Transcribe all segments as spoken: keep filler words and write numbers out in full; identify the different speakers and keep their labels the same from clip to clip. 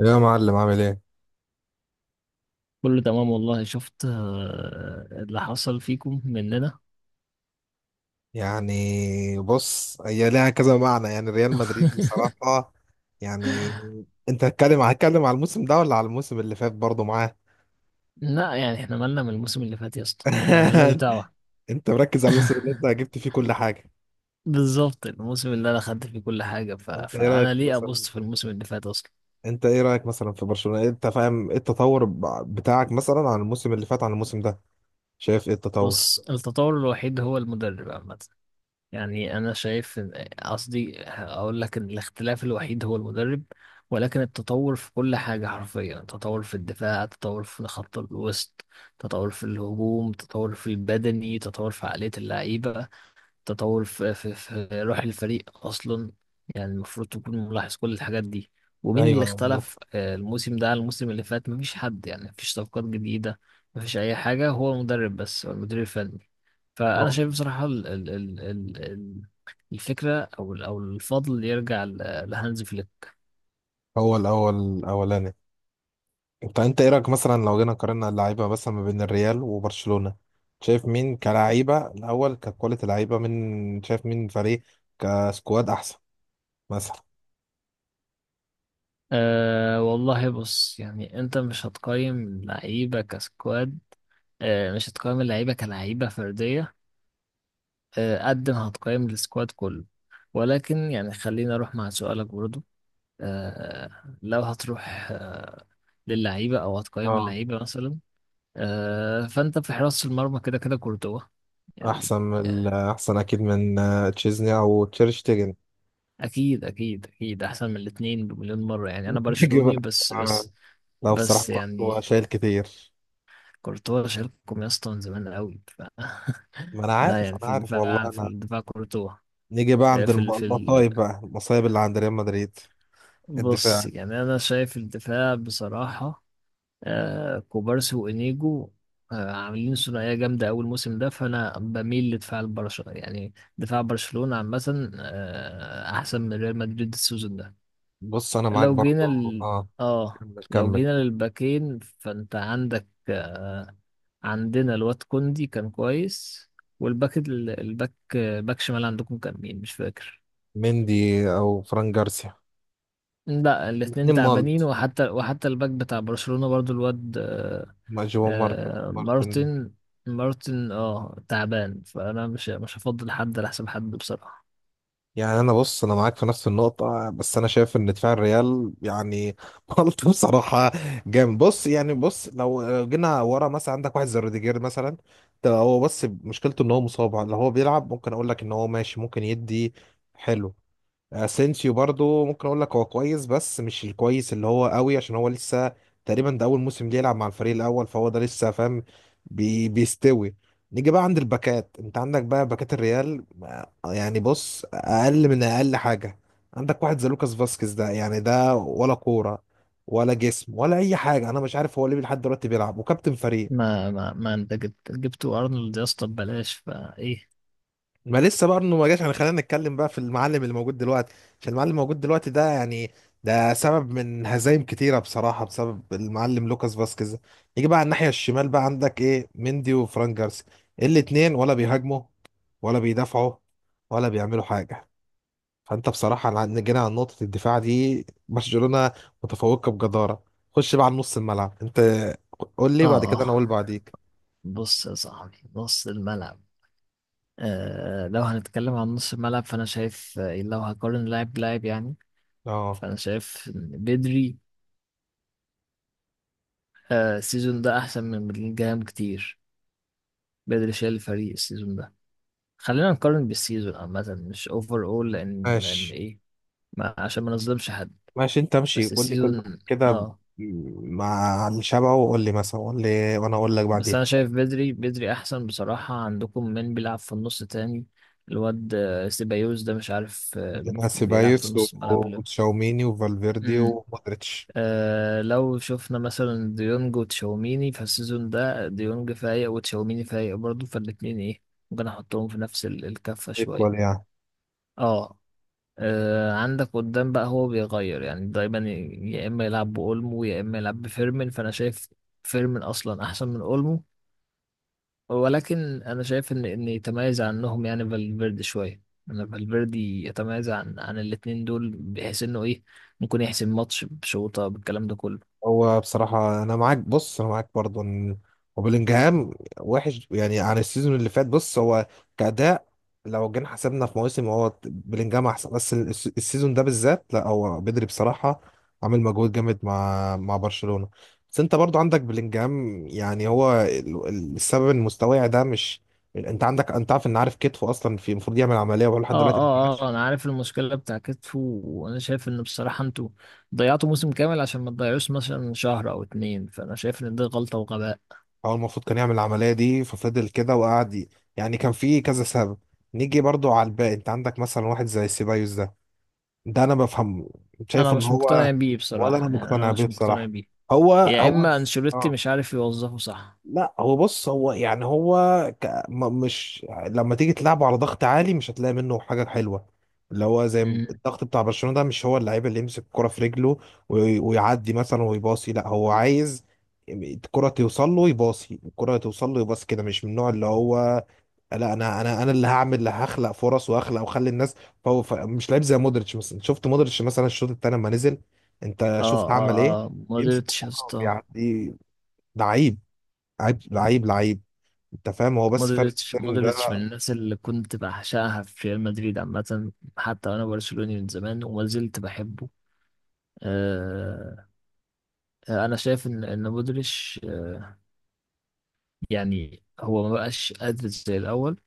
Speaker 1: يا معلم، عامل ايه؟
Speaker 2: كله تمام والله. شفت آه، اللي حصل فيكم مننا.
Speaker 1: يعني بص، هي ليها كذا معنى. يعني ريال مدريد بصراحة يعني. انت هتتكلم هتتكلم على الموسم ده ولا على الموسم اللي فات برضه معاه؟
Speaker 2: لا، يعني احنا مالنا من الموسم اللي فات يا اسطى، يعني مالناش دعوة.
Speaker 1: انت مركز على الموسم اللي انت جبت فيه كل حاجة.
Speaker 2: بالظبط، الموسم اللي انا خدت فيه كل حاجة، ف...
Speaker 1: انت ايه رأيك
Speaker 2: فانا ليه
Speaker 1: مثلا؟
Speaker 2: ابص في الموسم اللي فات اصلا؟
Speaker 1: انت ايه رأيك مثلا في برشلونة؟ انت فاهم ايه التطور ب- بتاعك مثلا عن الموسم اللي فات عن الموسم ده؟ شايف ايه التطور؟
Speaker 2: بص، التطور الوحيد هو المدرب عامة، يعني انا شايف إن- قصدي اقول لك ان الاختلاف الوحيد هو المدرب، ولكن التطور في كل حاجة. حرفيا تطور في الدفاع، تطور في خط الوسط، تطور في الهجوم، تطور في البدني، تطور في عقلية اللعيبة، تطور في, في, في روح الفريق اصلا. يعني المفروض تكون ملاحظ كل الحاجات دي. ومين
Speaker 1: ايوه
Speaker 2: اللي
Speaker 1: والله.
Speaker 2: اختلف آه، الموسم ده عن الموسم اللي فات؟ مفيش حد، يعني مفيش صفقات جديدة، مفيش اي حاجة، هو المدرب بس، هو المدير الفني. فانا
Speaker 1: هو
Speaker 2: شايف بصراحه ال ال ال ال ال- الفكره او ال- او الفضل يرجع ل- لهانز فليك.
Speaker 1: هو الاول الاولاني. طب انت ايه رايك مثلا لو جينا قارنا اللعيبه مثلا ما بين الريال وبرشلونه؟ شايف مين كلعيبه الاول ككواليتي لعيبه، من شايف مين فريق كسكواد احسن مثلا؟
Speaker 2: أه والله، بص، يعني انت مش هتقيم لعيبه كسكواد، أه مش هتقيم اللعيبه كلعيبه فرديه، أه قد ما هتقيم السكواد كله. ولكن يعني خليني اروح مع سؤالك برضو. أه لو هتروح أه للعيبه او هتقيم
Speaker 1: اه،
Speaker 2: اللعيبه مثلا، أه فانت في حراسه المرمى كده كده كورتوا، يعني.
Speaker 1: احسن من ال- احسن اكيد من آه، تشيزني او تشيرشتيجن.
Speaker 2: اكيد اكيد اكيد احسن من الاثنين بمليون مره، يعني انا
Speaker 1: نيجي بقى.
Speaker 2: برشلوني، بس
Speaker 1: آه،
Speaker 2: بس
Speaker 1: لا بصراحه
Speaker 2: بس
Speaker 1: كنت
Speaker 2: يعني
Speaker 1: شايل كتير.
Speaker 2: كورتوا شارككم يا اسطى من زمان قوي ف...
Speaker 1: ما انا
Speaker 2: لا،
Speaker 1: عارف،
Speaker 2: يعني
Speaker 1: انا
Speaker 2: في
Speaker 1: عارف والله
Speaker 2: الدفاع في
Speaker 1: انا.
Speaker 2: الدفاع كورتوا.
Speaker 1: نيجي بقى
Speaker 2: آه،
Speaker 1: عند
Speaker 2: في
Speaker 1: الم-
Speaker 2: ال... في ال...
Speaker 1: المصايب بقى، المصايب اللي عند ريال مدريد.
Speaker 2: بص،
Speaker 1: الدفاع.
Speaker 2: يعني انا شايف الدفاع بصراحه آه، كوبارسي وانيجو آه، عاملين ثنائيه جامده اول موسم ده، فانا بميل لدفاع البرشا، يعني دفاع برشلونه عامه آه، احسن من ريال مدريد السيزون ده.
Speaker 1: بص انا معاك
Speaker 2: لو جينا
Speaker 1: برضو.
Speaker 2: ال...
Speaker 1: اه،
Speaker 2: اه،
Speaker 1: كمل
Speaker 2: لو
Speaker 1: كمل.
Speaker 2: جينا للباكين فانت عندك آه عندنا الواد كوندي كان كويس. والباك ال- الباك باك شمال عندكم كان مين؟ مش فاكر.
Speaker 1: مندي او فران جارسيا.
Speaker 2: لا، الاتنين
Speaker 1: الاتنين
Speaker 2: تعبانين،
Speaker 1: مالت.
Speaker 2: وحتى وحتى الباك بتاع برشلونة برضو الواد آه،
Speaker 1: ما جوا مارتن،
Speaker 2: آه
Speaker 1: مارتن ده.
Speaker 2: مارتن. مارتن اه تعبان، فانا مش مش هفضل حد على حساب حد بصراحة.
Speaker 1: يعني انا، بص انا معاك في نفس النقطة، بس انا شايف ان دفاع الريال يعني مالت بصراحة جامد. بص يعني، بص لو لو جينا ورا مثلا عندك واحد زي روديجير مثلا، ده هو بس مشكلته ان هو مصاب. لو هو بيلعب ممكن اقول لك ان هو ماشي، ممكن يدي حلو. اسينسيو برضو ممكن اقول لك هو كويس، بس مش الكويس اللي هو قوي عشان هو لسه تقريبا ده اول موسم ليه يلعب مع الفريق الاول، فهو ده لسه فاهم. بي بيستوي. نيجي بقى عند الباكات. انت عندك بقى باكات الريال آه، يعني بص، اقل من اقل حاجه عندك واحد زي لوكاس فاسكيز ده، يعني ده ولا كوره ولا جسم ولا اي حاجه. انا مش عارف هو ليه لحد دلوقتي بيلعب وكابتن فريق.
Speaker 2: ما ما ما انت جبت جبتوا ارنولد يا اسطى ببلاش فايه.
Speaker 1: ما لسه بقى انه ما جاش، يعني خلينا نتكلم بقى في المعلم اللي موجود دلوقتي، عشان المعلم الموجود دلوقتي ده يعني ده سبب من هزايم كتيره بصراحه، بسبب المعلم لوكاس فاسكيز. يجي بقى على الناحيه الشمال، بقى عندك ايه مندي وفران جارسيا، الاتنين ولا بيهاجموا ولا بيدافعوا ولا بيعملوا حاجه. فانت بصراحه لع- جينا على نقطه الدفاع دي، برشلونه متفوقه بجداره. خش بقى على نص الملعب انت، قول لي بعد
Speaker 2: اه،
Speaker 1: كده انا اقول بعديك.
Speaker 2: بص يا صاحبي، نص الملعب. آه، لو هنتكلم عن نص الملعب فأنا شايف، آه، لو هقارن لاعب بلاعب يعني،
Speaker 1: اه،
Speaker 2: فأنا شايف إن بدري آه، السيزون ده أحسن من بلينجهام كتير. بدري شايل الفريق السيزون ده. خلينا نقارن بالسيزون عامة، مش أوفر أول، لأن لأن
Speaker 1: ماشي.
Speaker 2: إيه، ما عشان ما نظلمش حد.
Speaker 1: ماشي انت امشي
Speaker 2: بس
Speaker 1: قول لي كله
Speaker 2: السيزون،
Speaker 1: كده ب-
Speaker 2: آه،
Speaker 1: مع الشبع، وقول لي مثلا، قول لي وانا اقول لك
Speaker 2: بس
Speaker 1: بعديها.
Speaker 2: أنا شايف بدري، بدري أحسن بصراحة عندكم من بيلعب في النص تاني. الواد آه، سيبايوس ده مش عارف آه،
Speaker 1: عندنا
Speaker 2: بيلعب في
Speaker 1: سيبايوس و-
Speaker 2: نص الملعب ليه.
Speaker 1: وتشاوميني وفالفيردي ومودريتش.
Speaker 2: آه لو شفنا مثلا ديونج وتشاوميني فالسيزون ده، ديونج فايق وتشاوميني فايق برضه، فالاتنين ايه، ممكن احطهم في نفس ال- الكفة
Speaker 1: ايكوال
Speaker 2: شوية.
Speaker 1: يعني.
Speaker 2: اه، آه، عندك قدام بقى، هو بيغير يعني دايما، ي- يا اما يلعب بأولمو يا اما يلعب بفيرمين. فانا شايف فيرمين اصلا احسن من أولمو، ولكن انا شايف ان ان يتميز عنهم يعني فالفيردي شوية. انا فالفيردي يتميز عن عن الاتنين دول، بحيث انه ايه، ممكن يحسم ماتش بشوطة بالكلام ده كله.
Speaker 1: هو بصراحة أنا معاك، بص أنا معاك برضه إن وبلينجهام وحش يعني عن السيزون اللي فات. بص هو كأداء لو جينا حسبنا في مواسم هو بلينجهام أحسن، بس الس- السيزون ده بالذات لا، هو بدري بصراحة عامل مجهود جامد مع مع برشلونة. بس أنت برضه عندك بلينجهام، يعني هو ال- ال- السبب إن مستواه ده مش، أنت عندك، أنت عارف إن، عارف كتفه أصلا في المفروض يعمل عملية وهو لحد
Speaker 2: اه
Speaker 1: دلوقتي ما.
Speaker 2: اه اه، انا عارف المشكله بتاع كتفه، وانا شايف ان بصراحه انتوا ضيعتوا موسم كامل عشان ما تضيعوش مثلا شهر او اتنين، فانا شايف ان دي غلطه وغباء.
Speaker 1: هو المفروض كان يعمل العملية دي، ففضل كده وقعد ي- يعني كان في كذا سبب. نيجي برضو على الباقي، انت عندك مثلا واحد زي سيبايوس ده، ده انا بفهمه،
Speaker 2: انا
Speaker 1: شايفه ان
Speaker 2: مش
Speaker 1: هو،
Speaker 2: مقتنع بيه
Speaker 1: ولا انا
Speaker 2: بصراحه، يعني
Speaker 1: مقتنع
Speaker 2: انا
Speaker 1: بيه
Speaker 2: مش مقتنع
Speaker 1: بصراحة.
Speaker 2: بيه،
Speaker 1: هو
Speaker 2: يا
Speaker 1: هو،
Speaker 2: اما انشيلوتي
Speaker 1: اه،
Speaker 2: مش عارف يوظفه صح.
Speaker 1: لا هو بص، هو يعني هو ك... م- مش لما تيجي تلعبه على ضغط عالي مش هتلاقي منه حاجة حلوة. اللي هو زي ما-
Speaker 2: امم
Speaker 1: الضغط بتاع برشلونة ده، مش هو اللعيب اللي يمسك الكرة في رجله وي... ويعدي مثلا ويباصي. لا هو عايز الكرة توصل له يباصي، الكرة توصل له يباصي كده. مش من النوع اللي هو، لا انا انا انا اللي هعمل، اللي هخلق فرص واخلق واخلي الناس. فهو ف... مش لعيب زي مودريتش مثلا. شفت مودريتش مثلا الشوط التاني لما نزل، انت
Speaker 2: اه
Speaker 1: شفت
Speaker 2: اه
Speaker 1: عمل ايه؟
Speaker 2: اه،
Speaker 1: بيمسك
Speaker 2: مودريتش يا
Speaker 1: الكرة
Speaker 2: اسطى.
Speaker 1: وبيعدي. لعيب لعيب لعيب لعيب. انت فاهم؟ هو بس فرق
Speaker 2: مودريتش
Speaker 1: السن
Speaker 2: مودريتش من
Speaker 1: ده.
Speaker 2: الناس اللي كنت بعشقها في ريال مدريد عامه، حتى وانا برشلوني من زمان وما زلت بحبه. آه، آه، انا شايف ان ان مودريتش آه، يعني هو ما بقاش قادر زي الأول،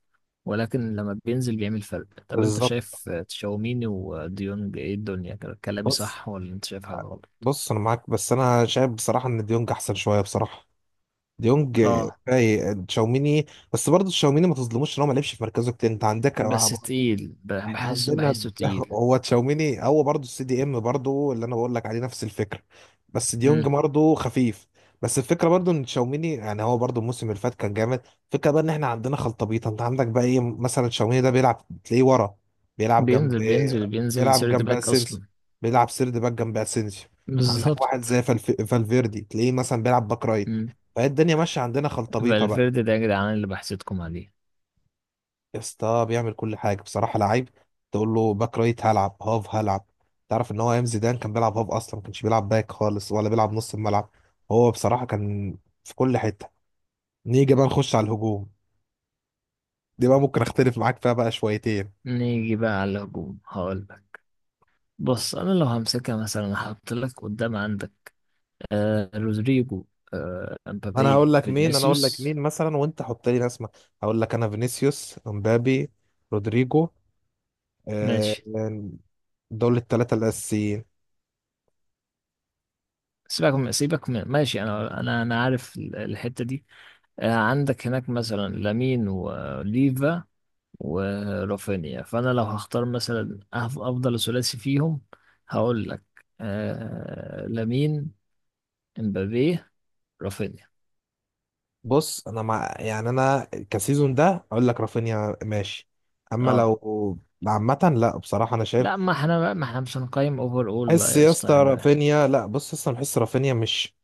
Speaker 2: ولكن لما بينزل بيعمل فرق. طب أنت
Speaker 1: بالظبط.
Speaker 2: شايف تشاوميني وديونج إيه الدنيا كده؟ كلامي
Speaker 1: بص،
Speaker 2: صح ولا أنت شايف حاجة غلط؟
Speaker 1: بص انا معاك بس انا شايف بصراحه ان ديونج احسن شويه بصراحه. ديونج
Speaker 2: آه،
Speaker 1: فايق تشاوميني. بس برضه تشاوميني ما تظلموش ان هو ما لعبش في مركزه كتير. انت عندك
Speaker 2: بس
Speaker 1: آه،
Speaker 2: تقيل، ب-
Speaker 1: احنا
Speaker 2: بحس
Speaker 1: عندنا
Speaker 2: بحسه
Speaker 1: ب-
Speaker 2: تقيل.
Speaker 1: هو تشاوميني، هو برضه السي دي ام، برضه اللي انا بقول لك عليه نفس الفكره. بس ديونج
Speaker 2: مم.
Speaker 1: برضه خفيف. بس الفكره برضه ان تشاوميني، يعني هو برضه الموسم اللي فات كان جامد. الفكره بقى ان احنا عندنا خلطبيطه. انت عندك بقى ايه مثلا، تشاوميني ده بيلعب تلاقيه ورا، بيلعب جنب،
Speaker 2: بينزل بينزل بينزل
Speaker 1: بيلعب
Speaker 2: سيرد
Speaker 1: جنب
Speaker 2: باك
Speaker 1: اسينسيو،
Speaker 2: أصلا.
Speaker 1: بيلعب سيرد باك جنب اسينسيو. عندك واحد
Speaker 2: بالظبط.
Speaker 1: زي فالف... فالفيردي تلاقيه مثلا بيلعب باك رايت.
Speaker 2: مم.
Speaker 1: فهي الدنيا ماشيه، عندنا خلطبيطه بقى.
Speaker 2: فالفيردي ده يا جدعان اللي بحسدكم عليه.
Speaker 1: يا اسطى بيعمل كل حاجه بصراحه، لعيب. تقول له باك رايت هلعب، هاف هلعب. تعرف ان هو ايام زيدان كان بيلعب هاف، اصلا ما كانش بيلعب باك خالص ولا بيلعب نص الملعب. هو بصراحه كان في كل حته. نيجي بقى نخش على الهجوم، دي بقى ممكن اختلف معاك فيها بقى شويتين.
Speaker 2: نيجي بقى على الهجوم، هقول لك. بص، أنا لو همسكها مثلا هحط لك قدام عندك آه، رودريجو، آه،
Speaker 1: انا
Speaker 2: امبابي،
Speaker 1: هقول لك مين، انا هقول لك
Speaker 2: فينيسيوس.
Speaker 1: مين مثلا وانت حط لي ناس ما- هقول لك انا: فينيسيوس، امبابي، رودريجو. آه،
Speaker 2: ماشي.
Speaker 1: دول الثلاثه الاساسيين.
Speaker 2: سيبك من سيبك من ماشي، انا انا انا عارف ال- الحته دي. آه، عندك هناك مثلا لامين وليفا ورافينيا، فانا لو هختار مثلا أف- افضل ثلاثي فيهم، هقول لك آه، لامين، امبابي، رافينيا.
Speaker 1: بص انا مع، يعني انا كسيزون ده اقول لك رافينيا ماشي، اما
Speaker 2: اه.
Speaker 1: لو عامة لا بصراحة انا شايف.
Speaker 2: لا، ما احنا بقى، ما احنا مش هنقيم اوفر اول بقى
Speaker 1: حس
Speaker 2: يا
Speaker 1: يا
Speaker 2: اسطى،
Speaker 1: اسطى،
Speaker 2: يعني.
Speaker 1: رافينيا لا، بص اصلا بحس رافينيا مش،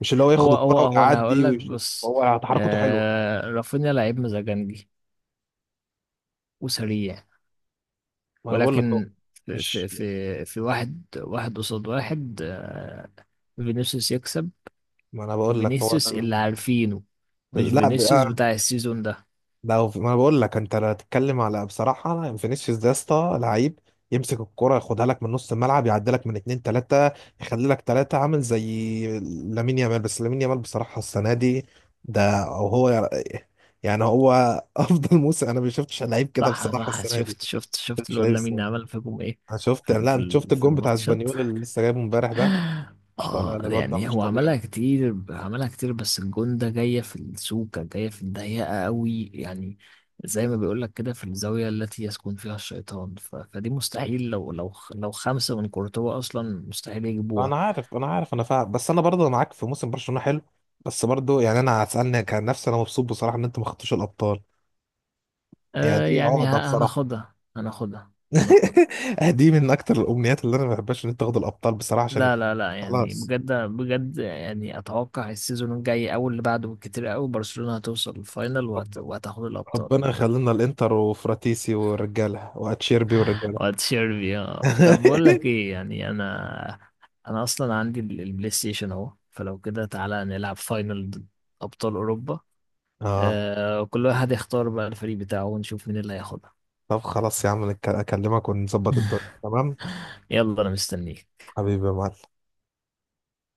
Speaker 1: مش اللي هو ياخد
Speaker 2: هو هو
Speaker 1: الكرة
Speaker 2: هو انا
Speaker 1: ويعدي
Speaker 2: هقول لك،
Speaker 1: ويشوف.
Speaker 2: بص،
Speaker 1: هو تحركته حلوة.
Speaker 2: آه رافينيا لعيب مزاجنجي وسريع،
Speaker 1: ما انا بقول لك هو
Speaker 2: ولكن
Speaker 1: مش،
Speaker 2: في في في واحد واحد قصاد واحد، آه، فينيسيوس يكسب،
Speaker 1: ما انا بقول لك هو
Speaker 2: فينيسيوس
Speaker 1: ده.
Speaker 2: اللي عارفينه، مش
Speaker 1: ال- لا،
Speaker 2: فينيسيوس بتاع السيزون ده.
Speaker 1: لو في- ما انا بقول لك انت لو هتتكلم على بصراحه، فينيسيوس ده يا اسطى لعيب، يمسك الكرة ياخدها لك من نص الملعب، يعدلك من اتنين تلاتة، يخلي لك تلاتة، عامل زي لامين يامال. بس لامين يامال بصراحة السنة دي، ده أو هو يعني هو أفضل موسم. أنا ما شفتش لعيب كده
Speaker 2: صح
Speaker 1: بصراحة
Speaker 2: صح،
Speaker 1: السنة دي.
Speaker 2: شفت شفت
Speaker 1: ما
Speaker 2: شفت
Speaker 1: شفتش
Speaker 2: الواد
Speaker 1: لعيب السنة
Speaker 2: لامين
Speaker 1: دي.
Speaker 2: عمل فيكم ايه
Speaker 1: أنا شفت،
Speaker 2: في ال-
Speaker 1: لا
Speaker 2: في
Speaker 1: أنت
Speaker 2: ال-
Speaker 1: شفت
Speaker 2: في
Speaker 1: الجون بتاع
Speaker 2: الماتش؟
Speaker 1: اسبانيول اللي لسه جايبه امبارح ده، مش طالع.
Speaker 2: اه،
Speaker 1: لا الواد ده
Speaker 2: يعني
Speaker 1: مش
Speaker 2: هو عملها
Speaker 1: طبيعي.
Speaker 2: كتير، عملها كتير، بس الجون ده جاية في السوكة، جاية في الضيقة قوي يعني، زي ما بيقولك كده في الزاوية التي يسكن فيها الشيطان، ف... فدي مستحيل، لو لو لو خمسة من كورتوا أصلا مستحيل يجيبوها.
Speaker 1: انا عارف، انا عارف، انا فاهم. بس انا برضه معاك في موسم برشلونه حلو، بس برضه يعني انا هتسالني، كان نفسي، انا مبسوط بصراحه ان انتوا ما خدتوش الابطال. يعني
Speaker 2: آه
Speaker 1: دي
Speaker 2: يعني
Speaker 1: عقده
Speaker 2: ه-
Speaker 1: بصراحه.
Speaker 2: هناخدها هناخدها هناخدها.
Speaker 1: دي من اكتر الامنيات اللي انا ما بحبهاش، ان انت تاخد الابطال بصراحه عشان.
Speaker 2: لا لا لا، يعني
Speaker 1: خلاص.
Speaker 2: بجد بجد، يعني أتوقع السيزون الجاي أو اللي بعده بالكتير قوي برشلونة هتوصل الفاينل وهت...
Speaker 1: رب-
Speaker 2: وهتاخد الأبطال.
Speaker 1: ربنا يخلينا الانتر وفراتيسي والرجاله واتشيربي والرجاله.
Speaker 2: واتشير بيها، طب بقول لك ايه، يعني انا انا اصلا عندي ال- البلاي ستيشن اهو، فلو كده تعالى نلعب فاينل ضد ابطال اوروبا.
Speaker 1: اه.
Speaker 2: آه، كل واحد يختار بقى الفريق بتاعه ونشوف مين اللي هياخدها.
Speaker 1: طب خلاص يا عم، نك- اكلمك ونظبط الدنيا تمام.
Speaker 2: يلا، انا مستنيك.
Speaker 1: حبيبي يا معلم.